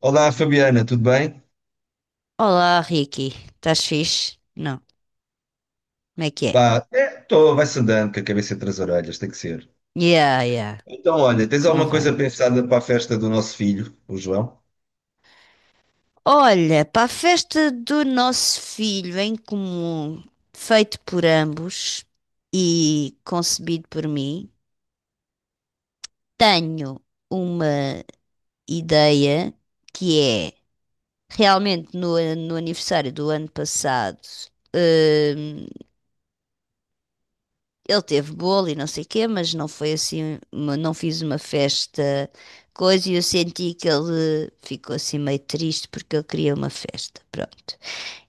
Olá, Fabiana, tudo bem? Olá, Ricky. Estás fixe? Não. Como é que é? Pá, é, tô, vai-se andando com a cabeça entre as orelhas, tem que ser. Yeah, yeah. Então, olha, tens alguma coisa Convém. pensada para a festa do nosso filho, o João? Olha, para a festa do nosso filho em comum, feito por ambos e concebido por mim, tenho uma ideia que é realmente no aniversário do ano passado. hum, Ele teve bolo e não sei o quê, mas não foi assim, não fiz uma festa coisa e eu senti que ele ficou assim meio triste porque ele queria uma festa, pronto.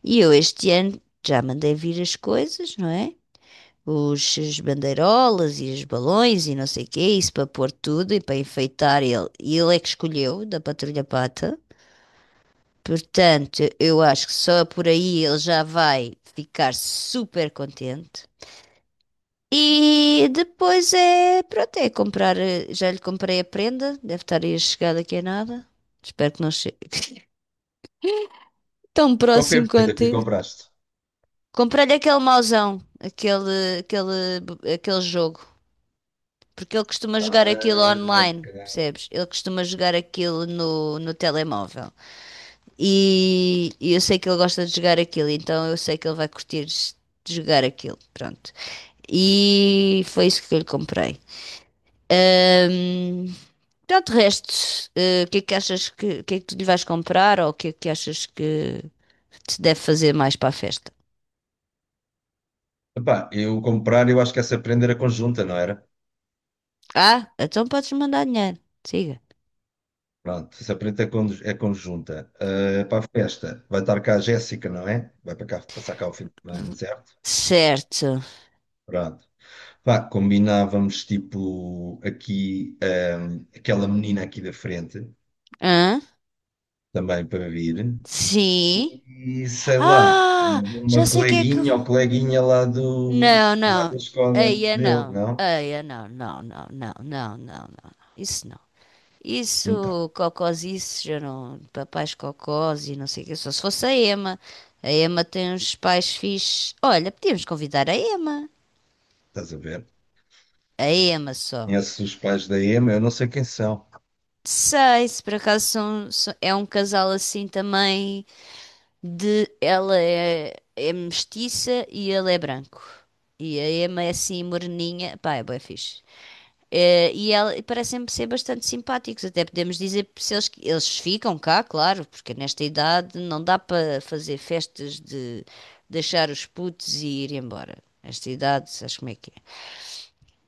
E eu este ano já mandei vir as coisas, não é? As bandeirolas e os balões e não sei o quê, isso para pôr tudo e para enfeitar ele. E ele é que escolheu, da Patrulha Pata. Portanto, eu acho que só por aí ele já vai ficar super contente. E depois é, pronto, é comprar, já lhe comprei a prenda, deve estar aí a chegar daqui a nada. Espero que não chegue tão Qual foi a próximo prenda quanto que lhe é. compraste? Comprei-lhe aquele mauzão, aquele jogo, porque ele costuma Ah, jogar aquilo ok. online, percebes? Ele costuma jogar aquilo no telemóvel. E eu sei que ele gosta de jogar aquilo, então eu sei que ele vai curtir de jogar aquilo, pronto. E foi isso que eu lhe comprei. Ahm, pronto, de resto, o que é que achas o que é que tu lhe vais comprar ou o que é que achas que se deve fazer mais para a festa? Epá, eu comprar, eu acho que essa prenda era conjunta, não era? Ah, então podes mandar dinheiro. Siga. Pronto, essa prenda é conjunta. Ah, para a festa, vai estar cá a Jéssica, não é? Vai para cá, passar cá o fim de semana, certo? Certo. Pronto. Pá, combinávamos tipo aqui, ah, aquela menina aqui da frente. Hã? Também para vir. Sim. E sei lá, Ah, já uma sei quem é que eu coleguinha vou. ou coleguinha lá Não, não. da escola Eia, dele, não. não? Eia, não, não, não, não, não, não, não. Isso não. Então, Isso, cocosices, já não, papais cocós e não sei o quê, só se fosse a Ema. A Ema tem uns pais fixes. Olha, podíamos convidar a Ema. estás a ver? A Ema só. Conheces os pais da Ema, eu não sei quem são. Sei, se por acaso é um casal assim também de... Ela é mestiça e ele é branco. E a Emma é assim moreninha. Pá, é bué fixe. E parecem-me ser bastante simpáticos. Até podemos dizer se eles ficam cá, claro, porque nesta idade não dá para fazer festas de deixar os putos e ir embora. Nesta idade, sabes como é que é?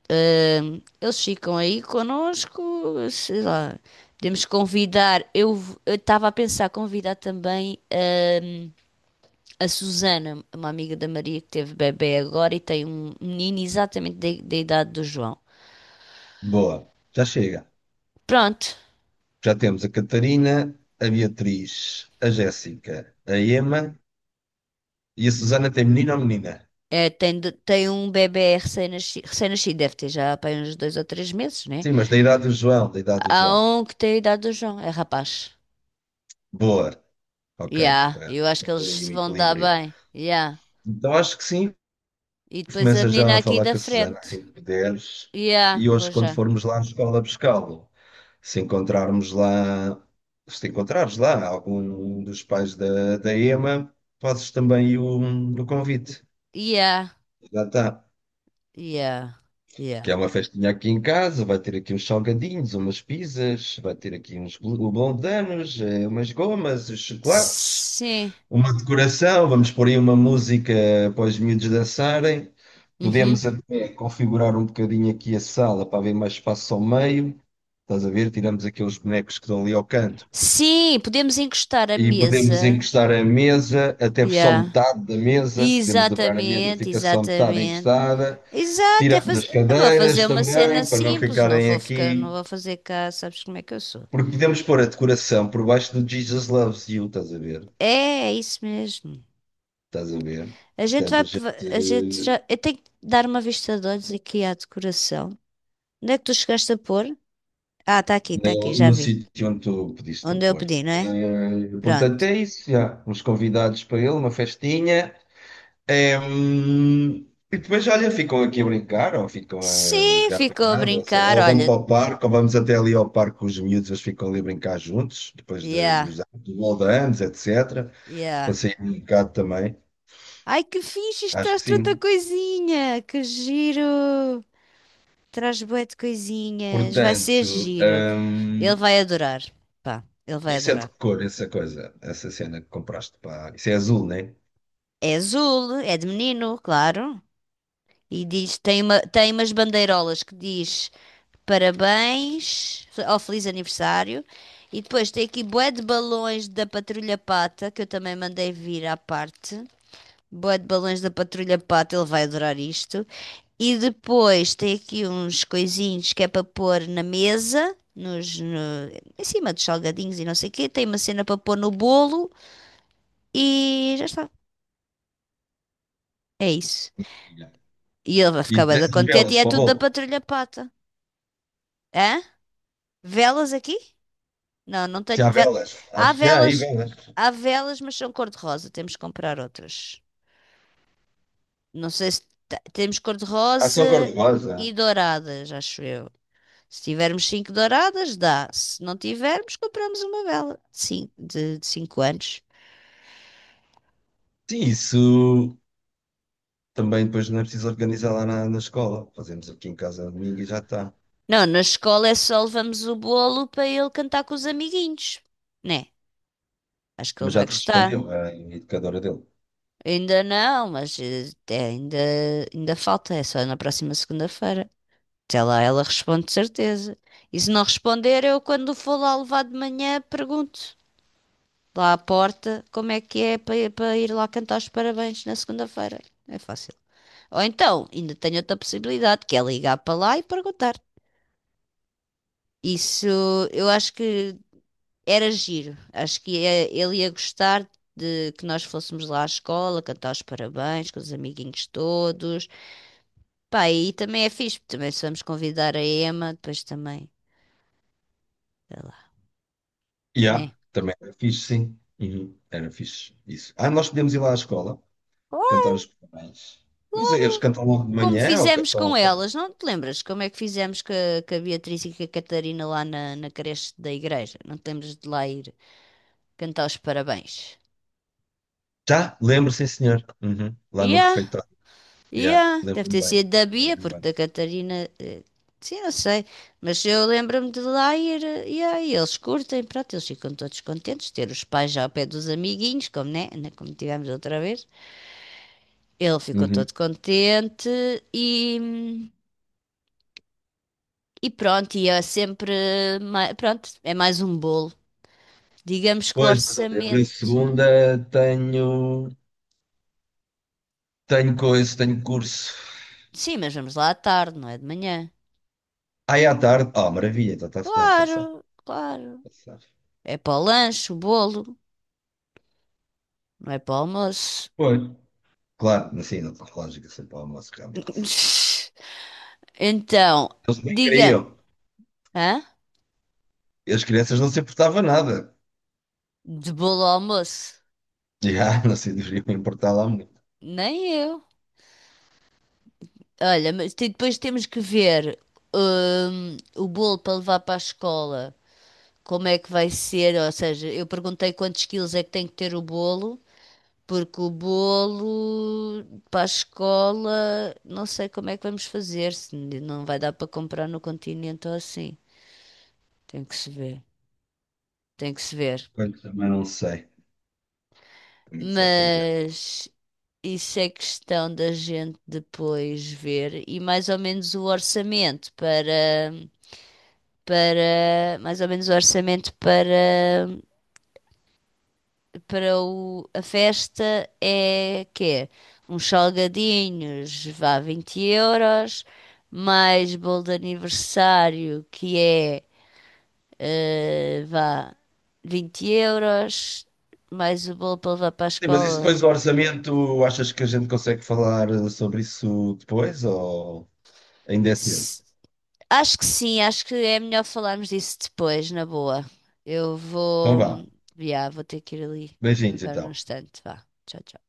Eles ficam aí connosco, sei lá. Podemos convidar. Eu estava a pensar convidar também a Susana, uma amiga da Maria que teve bebê agora e tem um menino exatamente da idade do João. Boa, já chega. Pronto, Já temos a Catarina, a Beatriz, a Jéssica, a Ema e a Susana tem menino ou menina? é, tem, tem um bebê recém-nascido, deve ter já pá, uns dois ou três meses, né? Sim, mas da idade do João, da idade do Há João. um que tem a idade do João, é rapaz. Boa, ok, Yeah, para eu acho para que ter eles aí um se vão dar equilíbrio. bem. Yeah. Então acho que sim, E depois a começa já menina a aqui falar da com a Susana frente. assim que puderes. Yeah, E hoje, vou quando já. formos lá à escola buscá-lo, se encontrarmos lá, se te encontrares lá algum dos pais da Ema, fazes também o convite. Yeah, Já está. yeah, yeah. Que é uma festinha aqui em casa, vai ter aqui uns salgadinhos, umas pizzas, vai ter aqui uns blondanos, umas gomas, uns chocolates. Sim. Uma decoração, vamos pôr aí uma música para os miúdos dançarem. Uhum. Podemos até configurar um bocadinho aqui a sala para haver mais espaço ao meio. Estás a ver? Tiramos aqueles bonecos que estão ali ao canto. Sim, podemos encostar a E podemos mesa. encostar a mesa, até só Yeah. metade da mesa. Podemos dobrar a mesa, Exatamente, fica só metade exatamente. encostada. Exato, é Tiramos faz... as eu vou fazer cadeiras uma cena também, para não simples, não ficarem vou ficar, não aqui. vou fazer cá, sabes como é que eu sou. Porque podemos pôr a decoração por baixo do Jesus Loves You, estás a ver? É, é isso mesmo. Estás a ver? A gente vai, Portanto, a gente a gente já, eu tenho que dar uma vista de olhos aqui à decoração. Onde é que tu chegaste a pôr? Ah, está aqui, no, já no vi. sítio onde tu pediste para Onde eu pôr. pedi, não é? Portanto, Pronto. é isso, já. Uns convidados para ele, uma festinha. Eh, hum, e depois, olha, ficam aqui a brincar, ou ficam a Sim, jogar ficou a apanhado, ou, sei lá, brincar, ou vão olha. para o parque, ou vamos até ali ao parque com os miúdos, eles ficam ali a brincar juntos, depois Yeah, dos anos, do bolo de anos, etc. Para yeah. sair um bocado também. Ai, que fixe, isto Acho traz que tanta sim. coisinha, que giro. Traz bué de coisinhas, vai ser Portanto, giro. Ele vai adorar. Pá, ele vai isso é de adorar. que cor, essa coisa, essa cena que compraste para. Isso é azul, né? É azul, é de menino, claro. E diz, tem umas bandeirolas que diz parabéns ou feliz aniversário. E depois tem aqui bué de balões da Patrulha Pata, que eu também mandei vir à parte. Bué de balões da Patrulha Pata, ele vai adorar isto. E depois tem aqui uns coisinhos que é para pôr na mesa, nos, no- em cima dos salgadinhos e não sei o quê. Tem uma cena para pôr no bolo e já está. É isso. Yeah. E ele vai ficar E bem tens da as contente e velas é para o tudo da bolo. Patrulha Pata. Hã? Velas aqui? Não, não Se tenho. há velas, Há acho que há aí velas, velas. há velas, mas são cor-de-rosa. Temos que comprar outras. Não sei se temos Ah, são cor-de-rosa cor-de-rosa. e douradas, acho eu. Se tivermos 5 douradas, dá. Se não tivermos, compramos uma vela de cinco, de 5 anos. Sim, isso também depois não é preciso organizar lá na escola. Fazemos aqui em casa domingo e já está. Não, na escola é só levamos o bolo para ele cantar com os amiguinhos, né? Acho que ele Mas vai já te respondeu gostar. a educadora dele. Ainda não, mas ainda falta, é só na próxima segunda-feira. Até lá ela responde de certeza. E se não responder, eu quando for lá levar de manhã pergunto lá à porta como é que é para ir lá cantar os parabéns na segunda-feira. É fácil. Ou então, ainda tenho outra possibilidade, que é ligar para lá e perguntar. Isso eu acho que era giro. Acho que ele ia gostar de que nós fôssemos lá à escola, cantar os parabéns com os amiguinhos todos. Pá, e também é fixe, porque também se vamos convidar a Emma, depois também, sei lá, E há, né? também era fixe, sim. Uhum. Era fixe, isso. Ah, nós podemos ir lá à escola, cantar Claro, os parabéns. Mas eles claro. cantam logo de Como manhã ou fizemos cantam à com tarde? elas, não te lembras como é que fizemos com a Beatriz e com a Catarina na creche da igreja? Não te lembras de lá ir cantar os parabéns? Já, lembro, sim, senhor. Uhum. Lá no Yeah, refeitório. Já, yeah. Deve lembro-me ter bem. sido da Bia, Lembro-me porque bem. da Catarina, sim, não sei. Mas eu lembro-me de lá ir, yeah, e eles curtem, pronto, eles ficam todos contentes, ter os pais já ao pé dos amiguinhos, como, né? Como tivemos outra vez. Ele ficou Uhum. todo contente e, e pronto, e é sempre, pronto, é mais um bolo. Digamos que o Pois, mas olha, eu na orçamento. segunda tenho. Tenho coisa, tenho curso. Sim, mas vamos lá à tarde, não é de manhã. Aí à tarde. Ah, maravilha, então está-se bem, está safe. Claro, claro. Está safe. É para o lanche, o bolo, não é para o almoço. Pois. Claro, assim não tem lógica sempre ao almoço, realmente. Então, Eles nem diga-me, queriam. hã? E as crianças não se importavam nada. De bolo ao almoço? Já, não se deveriam importar lá muito. Nem eu. Olha, mas depois temos que ver o bolo para levar para a escola. Como é que vai ser, ou seja, eu perguntei quantos quilos é que tem que ter o bolo, porque o bolo para a escola, não sei como é que vamos fazer, se não vai dar para comprar no continente ou assim. Tem que se ver, tem que se ver. Portanto, também não sei como é que se vai fazer. Mas isso é questão da gente depois ver e mais ou menos o orçamento para a festa é quê? Uns salgadinhos, vá 20 euros, mais bolo de aniversário, que é, vá 20 euros, mais o bolo para levar para a Sim, mas isso depois do escola. orçamento, achas que a gente consegue falar sobre isso depois ou ainda é cedo? S- Acho que sim, acho que é melhor falarmos disso depois, na boa. Eu Então vou, vá. já, vou ter que ir ali, Beijinhos agora no então. instante, vá. Tchau, tchau.